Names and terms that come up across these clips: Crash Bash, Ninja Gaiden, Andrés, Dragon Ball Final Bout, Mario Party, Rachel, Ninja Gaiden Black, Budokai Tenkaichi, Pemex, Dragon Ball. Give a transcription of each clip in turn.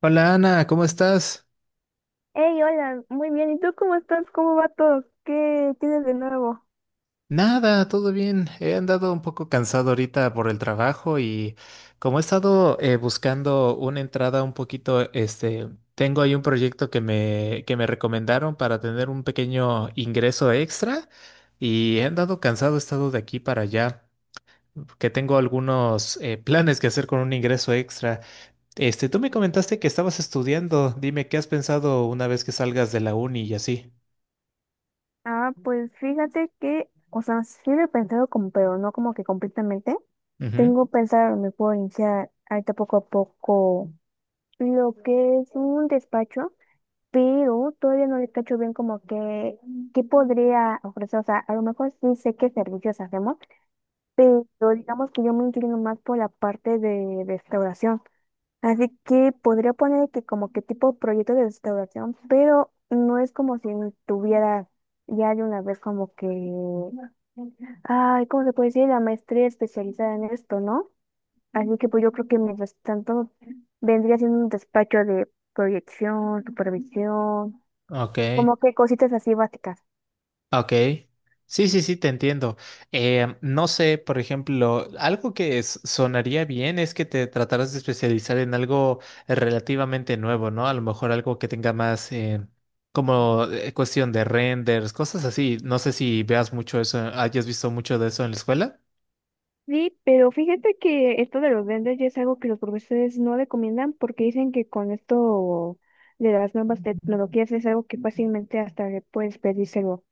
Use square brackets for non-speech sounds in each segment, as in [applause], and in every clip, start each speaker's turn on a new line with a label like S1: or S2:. S1: Hola Ana, ¿cómo estás?
S2: Hey, hola, muy bien. ¿Y tú cómo estás? ¿Cómo va todo? ¿Qué tienes de nuevo?
S1: Nada, todo bien. He andado un poco cansado ahorita por el trabajo y como he estado buscando una entrada un poquito, este, tengo ahí un proyecto que que me recomendaron para tener un pequeño ingreso extra y he andado cansado, he estado de aquí para allá, que tengo algunos planes que hacer con un ingreso extra. Este, tú me comentaste que estabas estudiando. Dime, ¿qué has pensado una vez que salgas de la uni y así?
S2: Ah, pues fíjate que, o sea, sí lo he pensado como, pero no como que completamente.
S1: Ujú.
S2: Tengo pensado, me puedo iniciar ahorita poco a poco lo que es un despacho, pero todavía no le cacho bien como que, ¿qué podría ofrecer? O sea, a lo mejor sí sé qué servicios hacemos, pero digamos que yo me inclino más por la parte de restauración. Así que podría poner que como que tipo proyecto de restauración, pero no es como si tuviera ya de una vez como que, ay, ¿cómo se puede decir? La maestría especializada en esto, ¿no? Así que pues yo creo que mientras tanto vendría siendo un despacho de proyección, supervisión,
S1: Ok.
S2: como que cositas así básicas.
S1: Ok. Sí, sí, sí, te entiendo. No sé, por ejemplo, algo que sonaría bien es que te trataras de especializar en algo relativamente nuevo, ¿no? A lo mejor algo que tenga más como cuestión de renders, cosas así. No sé si veas mucho eso, hayas visto mucho de eso en la escuela.
S2: Sí, pero fíjate que esto de los duendes ya es algo que los profesores no recomiendan porque dicen que con esto de las nuevas tecnologías es algo que fácilmente hasta le puedes pedírselo,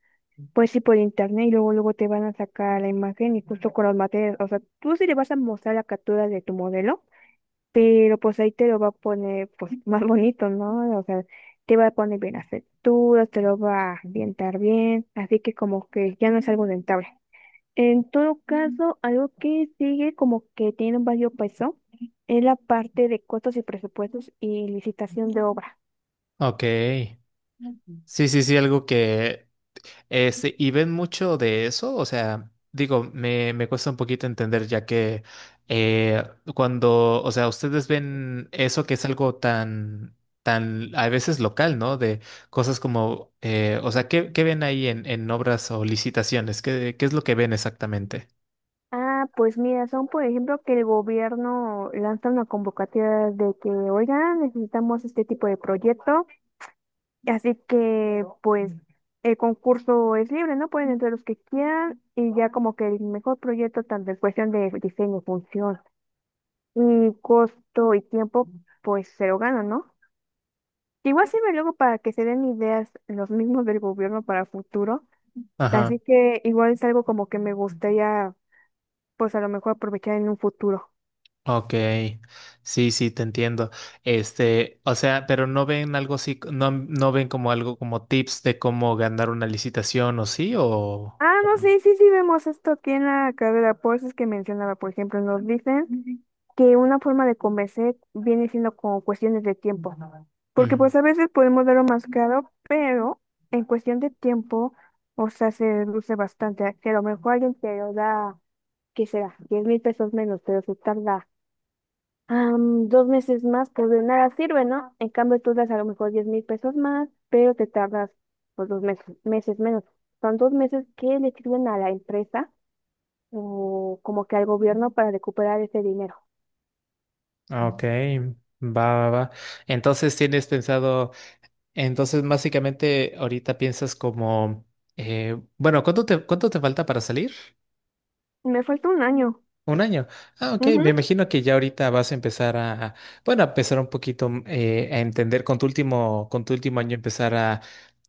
S2: pues sí por internet y luego luego te van a sacar la imagen y justo con los materiales, o sea, tú sí le vas a mostrar la captura de tu modelo, pero pues ahí te lo va a poner pues [laughs] más bonito, ¿no? O sea, te va a poner bien las texturas, te lo va a ambientar bien, así que como que ya no es algo rentable. En todo caso, algo que sigue como que tiene un valor peso es la parte de costos y presupuestos y licitación de obra.
S1: Ok. Sí, sí, sí, algo que. Este, y ven mucho de eso, o sea, digo, me cuesta un poquito entender, ya que eh, cuando, o sea, ustedes ven eso que es algo tan, tan, a veces local, ¿no? De cosas como, o sea, ¿qué, qué ven ahí en obras o licitaciones? ¿Qué, qué es lo que ven exactamente?
S2: Ah, pues mira, son por ejemplo que el gobierno lanza una convocatoria de que, oigan, necesitamos este tipo de proyecto, así que pues el concurso es libre, ¿no? Pueden entrar los que quieran y ya como que el mejor proyecto, tanto en cuestión de diseño, función y costo y tiempo, pues se lo ganan, ¿no? Igual sirve luego para que se den ideas los mismos del gobierno para el futuro.
S1: Ajá,
S2: Así que igual es algo como que me gustaría, pues a lo mejor aprovechar en un futuro.
S1: ok. Sí, sí, te entiendo. Este, o sea, pero no ven algo así, no, no ven como algo como tips de cómo ganar una licitación, ¿o sí?
S2: Ah,
S1: O
S2: no,
S1: no?
S2: sí, sí, sí, vemos esto aquí en la carrera. Por eso es que mencionaba, por ejemplo, nos dicen que una forma de convencer viene siendo con cuestiones de tiempo. Porque
S1: Ujú.
S2: pues a veces podemos darlo más caro, pero en cuestión de tiempo, o sea, se reduce bastante. Que a lo mejor alguien te lo da, ¿qué será? 10,000 pesos menos, pero se tarda 2 meses más, pues de nada sirve, ¿no? En cambio, tú das a lo mejor 10,000 pesos más, pero te tardas pues dos meses menos. Son 2 meses que le sirven a la empresa o como que al gobierno para recuperar ese dinero.
S1: Ah, ok, va, va, va. Entonces tienes pensado, entonces básicamente ahorita piensas como, bueno, cuánto te falta para salir?
S2: Me falta un año.
S1: Un año. Ah, ok. Me
S2: Ujú.
S1: imagino que ya ahorita vas a empezar a, bueno, a empezar un poquito a entender con tu último año empezar a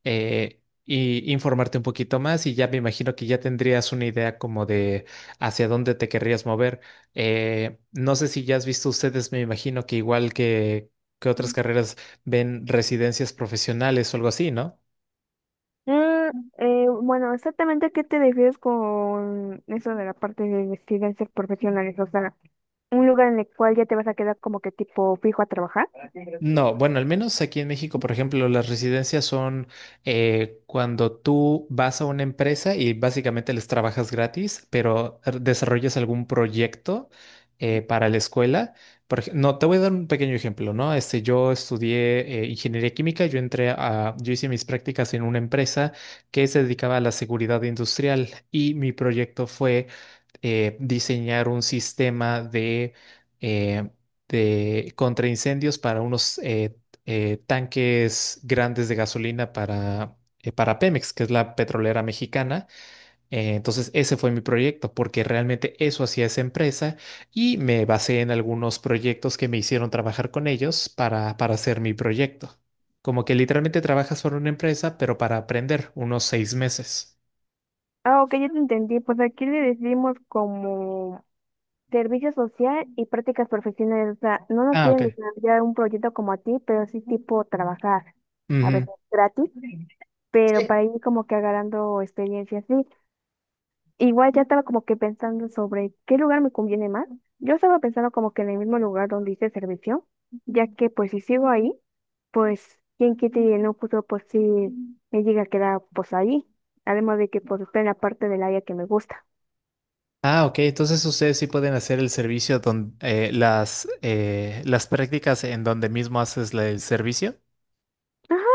S1: y informarte un poquito más y ya me imagino que ya tendrías una idea como de hacia dónde te querrías mover. No sé si ya has visto ustedes, me imagino que igual que otras carreras ven residencias profesionales o algo así, ¿no?
S2: Mm, bueno, exactamente qué te refieres con eso de la parte de residencias profesionales, o sea, un lugar en el cual ya te vas a quedar como que tipo fijo a trabajar.
S1: No, bueno, al menos aquí en México, por ejemplo, las residencias son cuando tú vas a una empresa y básicamente les trabajas gratis, pero desarrollas algún proyecto para la escuela. No, te voy a dar un pequeño ejemplo, ¿no? Este, yo estudié ingeniería química, yo entré a, yo hice mis prácticas en una empresa que se dedicaba a la seguridad industrial y mi proyecto fue diseñar un sistema eh, de contraincendios para unos tanques grandes de gasolina para Pemex, que es la petrolera mexicana. Entonces, ese fue mi proyecto, porque realmente eso hacía esa empresa y me basé en algunos proyectos que me hicieron trabajar con ellos para hacer mi proyecto. Como que literalmente trabajas para una empresa, pero para aprender unos 6 meses.
S2: Ah, ok, ya te entendí, pues aquí le decimos como servicio social y prácticas profesionales. O sea, no nos
S1: Ah,
S2: piden
S1: ok.
S2: desarrollar un proyecto como a ti, pero sí tipo trabajar, a
S1: Ujú.
S2: veces gratis, pero
S1: Sí.
S2: para ir como que agarrando experiencia sí. Igual ya estaba como que pensando sobre qué lugar me conviene más. Yo estaba pensando como que en el mismo lugar donde hice servicio, ya que pues si sigo ahí, pues quién quita y en un futuro pues sí me llega a quedar pues ahí. Además de que pues está en la parte del área que me gusta.
S1: Ah, ok. Entonces ustedes sí pueden hacer el servicio donde las prácticas en donde mismo haces el servicio.
S2: Ajá.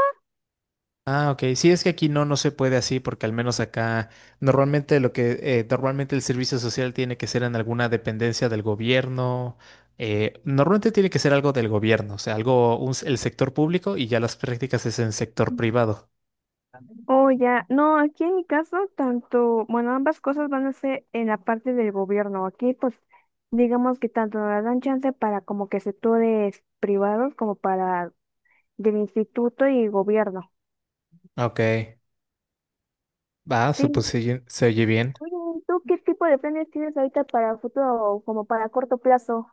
S1: Ah, ok. Sí, es que aquí no, no se puede así, porque al menos acá normalmente lo que normalmente el servicio social tiene que ser en alguna dependencia del gobierno. Normalmente tiene que ser algo del gobierno, o sea, algo un el sector público y ya las prácticas es en sector privado.
S2: Oh, ya. No, aquí en mi caso, tanto, bueno, ambas cosas van a ser en la parte del gobierno. Aquí, pues, digamos que tanto nos dan chance para como que sectores privados como para del instituto y gobierno.
S1: Ok. Va,
S2: Sí.
S1: pues se oye bien.
S2: Oye, ¿tú qué tipo de planes tienes ahorita para futuro o como para corto plazo?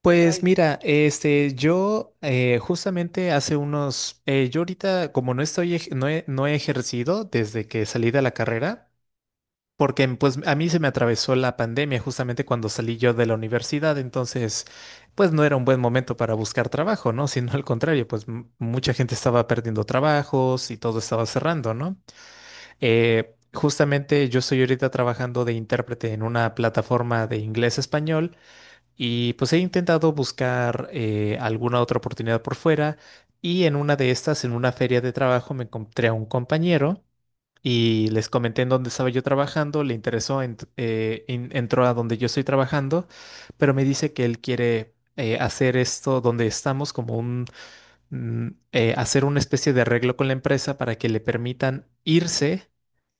S1: Pues mira, este, yo justamente hace unos, yo ahorita como no estoy, no he, no he ejercido desde que salí de la carrera, porque pues a mí se me atravesó la pandemia justamente cuando salí yo de la universidad, entonces pues no era un buen momento para buscar trabajo, ¿no? [laughs] Sino al contrario, pues mucha gente estaba perdiendo trabajos y todo estaba cerrando, ¿no? Justamente yo estoy ahorita trabajando de intérprete en una plataforma de inglés-español y pues he intentado buscar alguna otra oportunidad por fuera y en una de estas, en una feria de trabajo, me encontré a un compañero y les comenté en dónde estaba yo trabajando, le interesó, entró a donde yo estoy trabajando, pero me dice que él quiere hacer esto donde estamos como un hacer una especie de arreglo con la empresa para que le permitan irse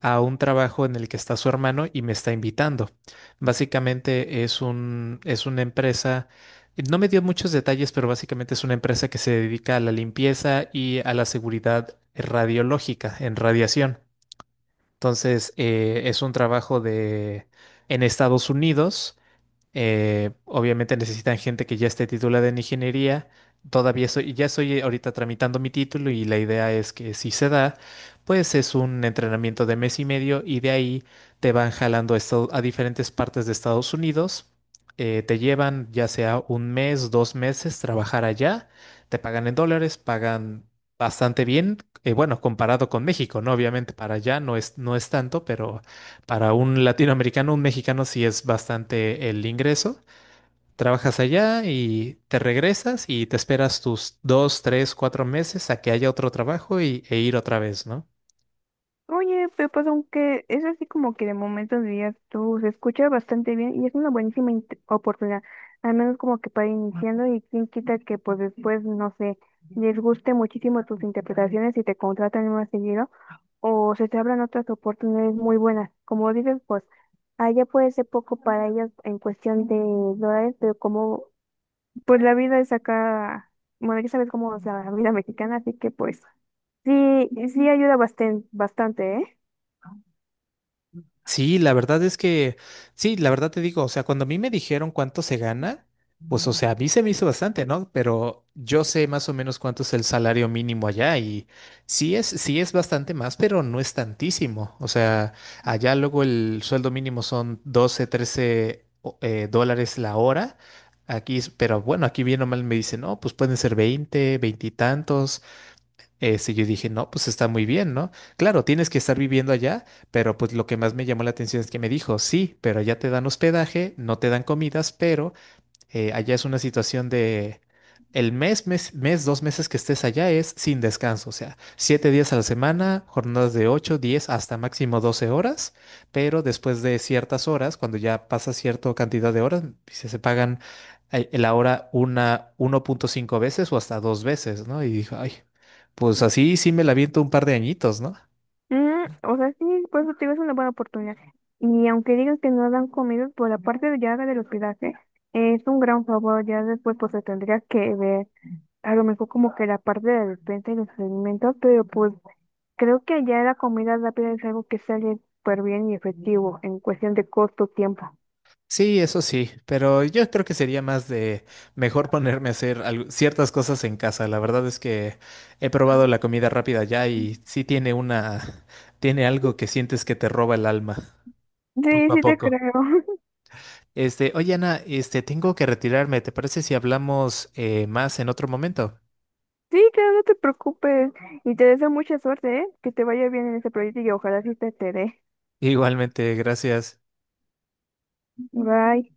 S1: a un trabajo en el que está su hermano y me está invitando. Básicamente es es una empresa, no me dio muchos detalles, pero básicamente es una empresa que se dedica a la limpieza y a la seguridad radiológica en radiación. Entonces, es un trabajo de en Estados Unidos obviamente necesitan gente que ya esté titulada en ingeniería. Todavía soy, ya estoy ahorita tramitando mi título y la idea es que si se da, pues es un entrenamiento de 1 mes y medio y de ahí te van jalando a, a diferentes partes de Estados Unidos. Te llevan ya sea 1 mes, 2 meses trabajar allá, te pagan en dólares, pagan bastante bien. Bueno, comparado con México, ¿no? Obviamente para allá no no es tanto, pero para un latinoamericano, un mexicano, sí es bastante el ingreso. Trabajas allá y te regresas y te esperas tus 2, 3, 4 meses a que haya otro trabajo y, e ir otra vez, ¿no?
S2: Oye, Pepa, aunque es así como que de momentos días tú se escucha bastante bien y es una buenísima oportunidad, al menos como que para iniciando y quién quita que pues después, no sé, les guste muchísimo tus interpretaciones y te contratan más seguido o se te abran otras oportunidades muy buenas. Como dices, pues allá puede ser poco para ellas en cuestión de dólares, pero como pues la vida es acá, bueno, ya sabes cómo es la vida mexicana, así que pues sí, sí ayuda bastante, bastante, ¿eh?
S1: Sí, la verdad es que, sí, la verdad te digo, o sea, cuando a mí me dijeron cuánto se gana, pues, o sea, a mí se me hizo bastante, ¿no? Pero yo sé más o menos cuánto es el salario mínimo allá y sí sí es bastante más, pero no es tantísimo. O sea, allá luego el sueldo mínimo son 12, 13 dólares la hora. Aquí, pero bueno, aquí bien o mal me dicen, no, pues pueden ser 20, 20 y tantos. Este, yo dije, no, pues está muy bien, ¿no? Claro, tienes que estar viviendo allá, pero pues lo que más me llamó la atención es que me dijo, sí, pero allá te dan hospedaje, no te dan comidas, pero allá es una situación de el mes, 2 meses que estés allá es sin descanso, o sea, 7 días a la semana, jornadas de 8 a 10 hasta máximo 12 horas, pero después de ciertas horas, cuando ya pasa cierta cantidad de horas, se pagan la hora una 1.5 veces o hasta 2 veces, ¿no? Y dijo, ay, pues así sí me la aviento un par de añitos, ¿no?
S2: Mm, o sea, sí, por eso te digo, es una buena oportunidad. Y aunque digas que no dan comidas, por la parte de ya del hospedaje, es un gran favor. Ya después, pues se tendría que ver a lo mejor como que la parte de la despensa y los alimentos, pero pues creo que ya la comida rápida es algo que sale súper bien y efectivo en cuestión de costo, tiempo.
S1: Sí, eso sí, pero yo creo que sería más de mejor ponerme a hacer ciertas cosas en casa. La verdad es que he probado la comida rápida ya y sí tiene una, tiene algo que sientes que te roba el alma
S2: Sí,
S1: poco a
S2: sí te
S1: poco.
S2: creo. [laughs]
S1: Este, oye Ana, este, tengo que retirarme. ¿Te parece si hablamos más en otro momento?
S2: Sí, claro, no te preocupes. Y te deseo mucha suerte, ¿eh? Que te vaya bien en ese proyecto y ojalá sí te dé.
S1: [laughs] Igualmente, gracias.
S2: Bye.